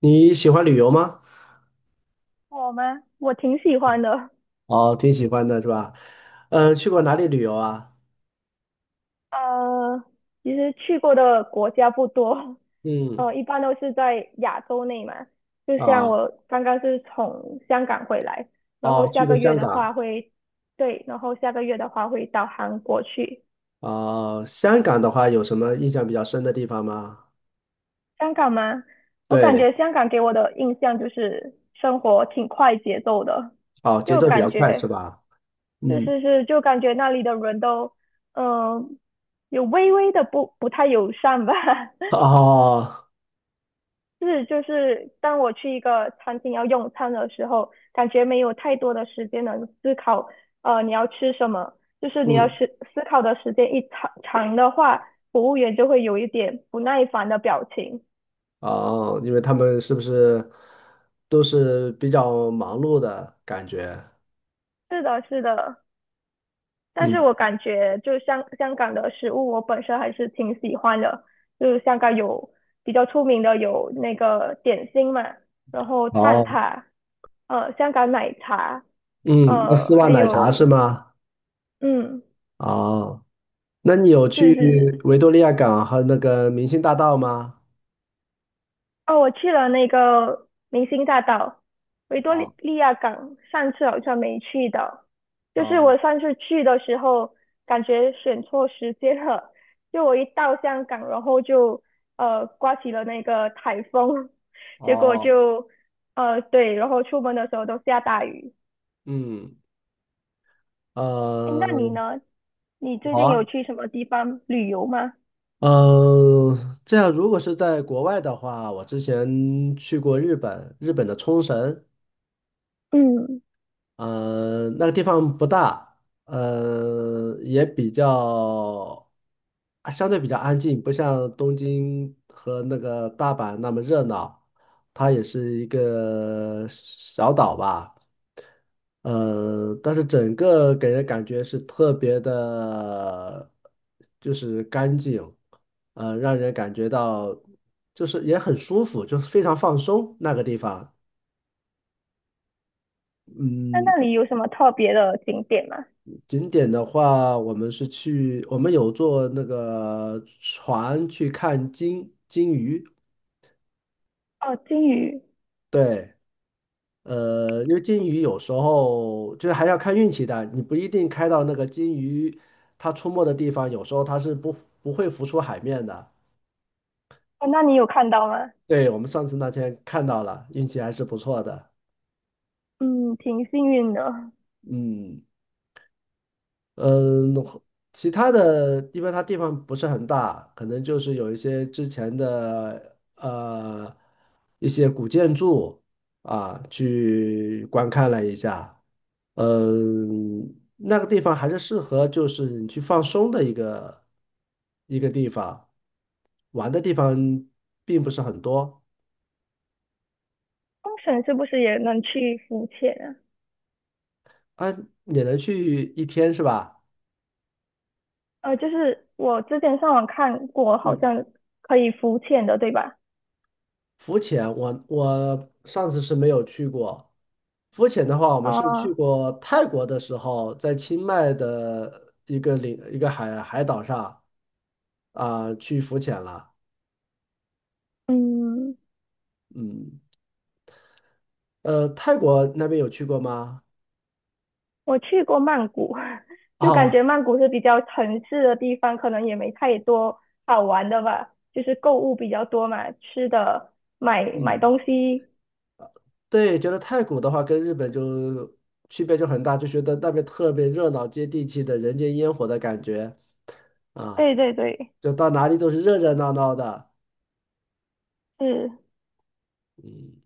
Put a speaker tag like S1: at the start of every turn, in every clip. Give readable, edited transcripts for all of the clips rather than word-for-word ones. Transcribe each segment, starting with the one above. S1: 你喜欢旅游吗？
S2: 我吗？我挺喜欢的。
S1: 哦，挺喜欢的是吧？嗯，去过哪里旅游啊？
S2: 呃，其实去过的国家不多，
S1: 嗯，
S2: 一般都是在亚洲内嘛。就像
S1: 啊，
S2: 我刚刚是从香港回来，然后
S1: 哦，
S2: 下
S1: 去过
S2: 个月
S1: 香
S2: 的
S1: 港。
S2: 话会，对，然后下个月的话会到韩国去。
S1: 啊。香港的话有什么印象比较深的地方吗？
S2: 香港吗？我感
S1: 对，
S2: 觉香港给我的印象就是生活挺快节奏的，
S1: 哦，节
S2: 就
S1: 奏比
S2: 感
S1: 较快是
S2: 觉
S1: 吧？
S2: 是
S1: 嗯，
S2: 是是，就感觉那里的人都，嗯、有微微的不太友善吧。
S1: 哦，
S2: 是，就是当我去一个餐厅要用餐的时候，感觉没有太多的时间能思考，你要吃什么。就是你要
S1: 嗯，
S2: 思思考的时间一长的话，服务员就会有一点不耐烦的表情。
S1: 哦，因为他们是不是都是比较忙碌的感觉？
S2: 是的，是的。但是
S1: 嗯，
S2: 我感觉就香港的食物，我本身还是挺喜欢的。就是香港有比较出名的有那个点心嘛，然后蛋
S1: 哦，
S2: 挞，香港奶茶，
S1: 嗯，那丝袜
S2: 还
S1: 奶茶是
S2: 有
S1: 吗？
S2: 嗯。
S1: 哦，那你有
S2: 是
S1: 去
S2: 是是，
S1: 维多利亚港和那个明星大道吗？
S2: 哦，我去了那个明星大道、维多利
S1: 哦
S2: 亚港，上次好像没去到。就是
S1: 哦
S2: 我上次去的时候，感觉选错时间了。就我一到香港，然后就刮起了那个台风，结果
S1: 哦，
S2: 就对，然后出门的时候都下大雨。
S1: 嗯，
S2: 哎，那
S1: 呃，
S2: 你呢？你最近有
S1: 我
S2: 去什么地方旅游吗？
S1: 呃，这样如果是在国外的话，我之前去过日本，日本的冲绳，
S2: 嗯，
S1: 那个地方不大，呃，也比较，啊相对比较安静，不像东京和那个大阪那么热闹。它也是一个小岛吧，但是整个给人感觉是特别的，就是干净，让人感觉到就是也很舒服，就是非常放松那个地方。
S2: 那
S1: 嗯，
S2: 那里有什么特别的景点吗？
S1: 景点的话，我们有坐那个船去看金鱼。
S2: 哦，金鱼，
S1: 对，因为金鱼有时候就是还要看运气的，你不一定开到那个金鱼它出没的地方，有时候它是不会浮出海面的。
S2: 哦，那你有看到吗？
S1: 对，我们上次那天看到了，运气还是不错的。
S2: 嗯，挺幸运的。
S1: 嗯。嗯，其他的，因为它地方不是很大，可能就是有一些之前的一些古建筑啊，去观看了一下。嗯，那个地方还是适合就是你去放松的一个一个地方，玩的地方并不是很多。
S2: 东绳是不是也能去浮潜啊？
S1: 啊，也能去一天是吧？
S2: 就是我之前上网看过，好
S1: 嗯。
S2: 像可以浮潜的，对吧？
S1: 浮潜我上次是没有去过。浮潜的话，我们是去
S2: 啊、
S1: 过泰国的时候，在清迈的一个海岛上啊、去浮潜了。
S2: 嗯，
S1: 嗯，泰国那边有去过吗？
S2: 我去过曼谷，就感
S1: 啊、
S2: 觉曼谷是比较城市的地方，可能也没太多好玩的吧，就是购物比较多嘛，吃的、买
S1: 嗯，
S2: 东西。
S1: 对，觉得泰国的话跟日本就区别就很大，就觉得那边特别热闹、接地气的人间烟火的感觉啊，
S2: 对对对，
S1: 就到哪里都是热热闹闹的。
S2: 是，
S1: 嗯。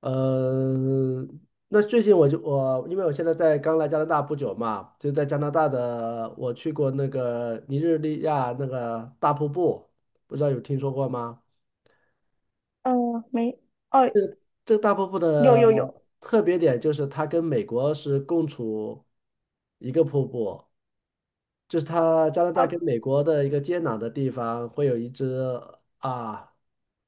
S1: 呃，那最近我就我，因为我现在在刚来加拿大不久嘛，就在加拿大的，我去过那个尼日利亚那个大瀑布，不知道有听说过吗？
S2: 嗯、没，哦，
S1: 这个大瀑布
S2: 有
S1: 的
S2: 有有，
S1: 特别点就是它跟美国是共处一个瀑布，就是它加拿大跟
S2: 呃，
S1: 美国的一个接壤的地方，会有一只啊，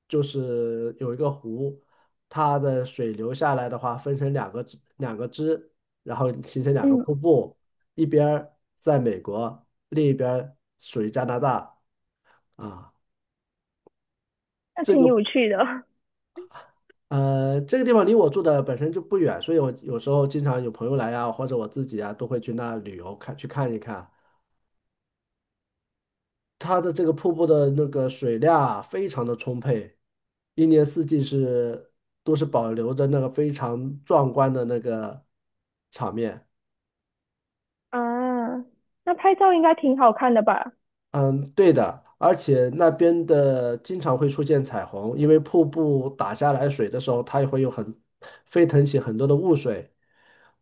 S1: 就是有一个湖，它的水流下来的话，分成两个支，然后形成两个
S2: 嗯，
S1: 瀑布，一边儿在美国，另一边儿属于加拿大啊。
S2: 那
S1: 这
S2: 挺
S1: 个
S2: 有趣的。
S1: 这个地方离我住的本身就不远，所以我有时候经常有朋友来啊，或者我自己啊，都会去那旅游去看一看。它的这个瀑布的那个水量啊非常的充沛，一年四季都是保留着那个非常壮观的那个场面。
S2: 啊，那拍照应该挺好看的吧？
S1: 嗯，对的，而且那边的经常会出现彩虹，因为瀑布打下来水的时候，它也会飞腾起很多的雾水，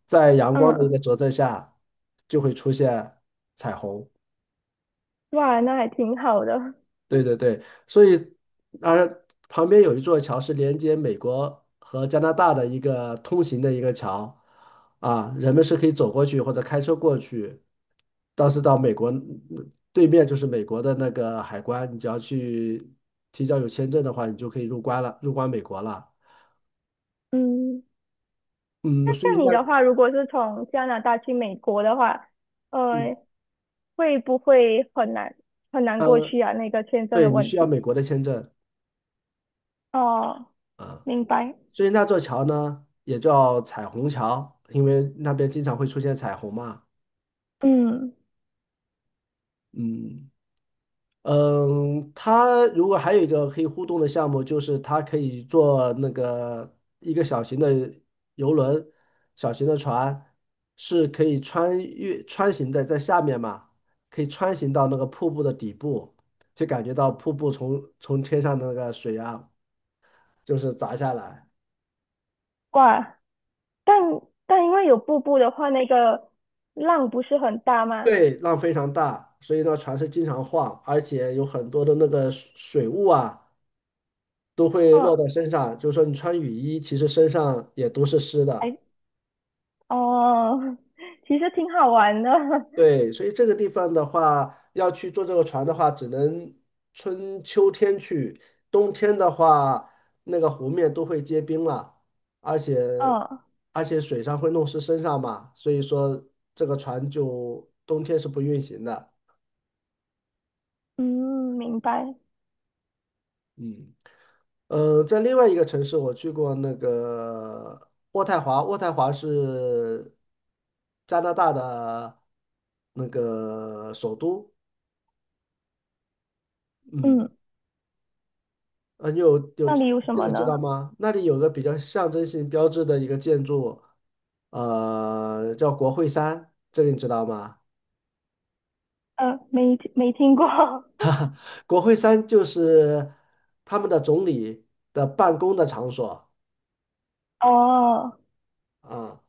S1: 在阳光的一
S2: 嗯，
S1: 个折射下，就会出现彩虹。
S2: 哇，那还挺好的。
S1: 对对对，所以而旁边有一座桥是连接美国和加拿大的一个通行的一个桥，啊，人们是可以走过去或者开车过去，但是到美国对面就是美国的那个海关，你只要去提交有签证的话，你就可以入关了，入关美国了。
S2: 嗯，
S1: 嗯，
S2: 那
S1: 所以
S2: 像你
S1: 那
S2: 的话，如果是从加拿大去美国的话，
S1: 嗯
S2: 呃，会不会很难过
S1: 呃，
S2: 去啊？那个签证的
S1: 对你
S2: 问
S1: 需要
S2: 题。
S1: 美国的签证，
S2: 哦，明白。
S1: 所以那座桥呢也叫彩虹桥，因为那边经常会出现彩虹嘛，
S2: 嗯，
S1: 嗯。嗯，它如果还有一个可以互动的项目，就是它可以做那个一个小型的游轮、小型的船，是可以穿行的，在下面嘛，可以穿行到那个瀑布的底部，就感觉到瀑布从天上的那个水啊，就是砸下来，
S2: 哇，但因为有瀑布的话，那个浪不是很大吗？
S1: 对，浪非常大，所以呢，船是经常晃，而且有很多的那个水雾啊，都会落
S2: 嗯，
S1: 在身上，就是说你穿雨衣，其实身上也都是湿的。
S2: 哎，哦，其实挺好玩的。
S1: 对，所以这个地方的话，要去坐这个船的话，只能春秋天去，冬天的话，那个湖面都会结冰了，而且
S2: 哦，
S1: 水上会弄湿身上嘛，所以说这个船就冬天是不运行的。
S2: 嗯，明白。
S1: 嗯，在另外一个城市，我去过那个渥太华，渥太华是加拿大的那个首都。嗯。
S2: 嗯。
S1: 你有
S2: 那里有什
S1: 这
S2: 么
S1: 个知道
S2: 呢？
S1: 吗？那里有个比较象征性标志的一个建筑，叫国会山，这个你知道吗？
S2: 没听过。
S1: 国会山就是他们的总理的办公的场所
S2: 哦，
S1: 啊。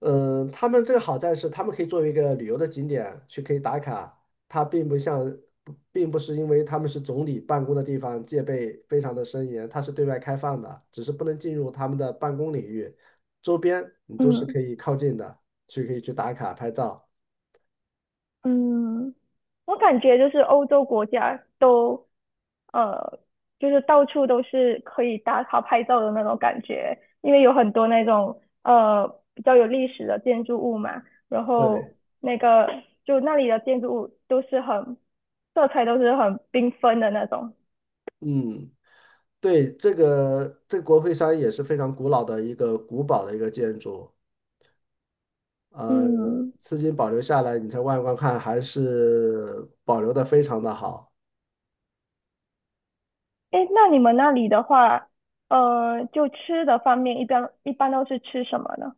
S1: 嗯，他们这个好在是，他们可以作为一个旅游的景点去可以打卡，它并不像，不并不是因为他们是总理办公的地方，戒备非常的森严，它是对外开放的，只是不能进入他们的办公领域，周边你都是
S2: 嗯
S1: 可以靠近的，可以去打卡拍照。
S2: 嗯，我感觉就是欧洲国家都，呃，就是到处都是可以打卡拍照的那种感觉，因为有很多那种比较有历史的建筑物嘛，然
S1: 对，
S2: 后那个就那里的建筑物都是很色彩都是很缤纷的那种。
S1: 嗯，对，这个国会山也是非常古老的一个古堡的一个建筑，呃，
S2: 嗯。
S1: 至今保留下来，你才外观看还是保留的非常的好。
S2: 哎，那你们那里的话，就吃的方面，一般都是吃什么呢？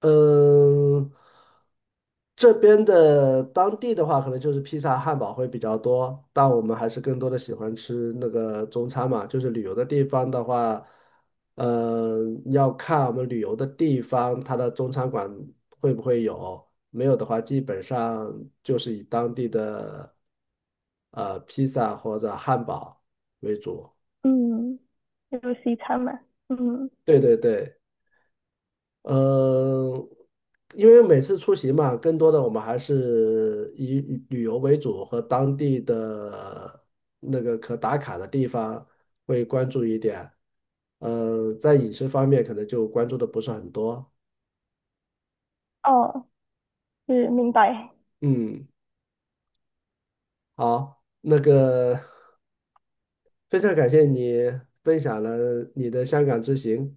S1: 嗯，这边的当地的话，可能就是披萨、汉堡会比较多，但我们还是更多的喜欢吃那个中餐嘛。就是旅游的地方的话，呃，要看我们旅游的地方，它的中餐馆会不会有，没有的话，基本上就是以当地的披萨或者汉堡为主。
S2: 嗯，就西餐嘛。嗯，
S1: 对对对。呃，因为每次出行嘛，更多的我们还是以旅游为主，和当地的那个可打卡的地方会关注一点。在饮食方面可能就关注的不是很多。
S2: 哦，是，明白。
S1: 嗯，好，那个非常感谢你分享了你的香港之行，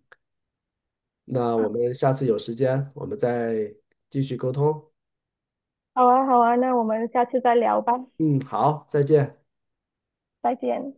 S1: 那我们下次有时间我们再继续沟通。
S2: 好啊，好啊，那我们下次再聊吧，
S1: 嗯，好，再见。
S2: 再见。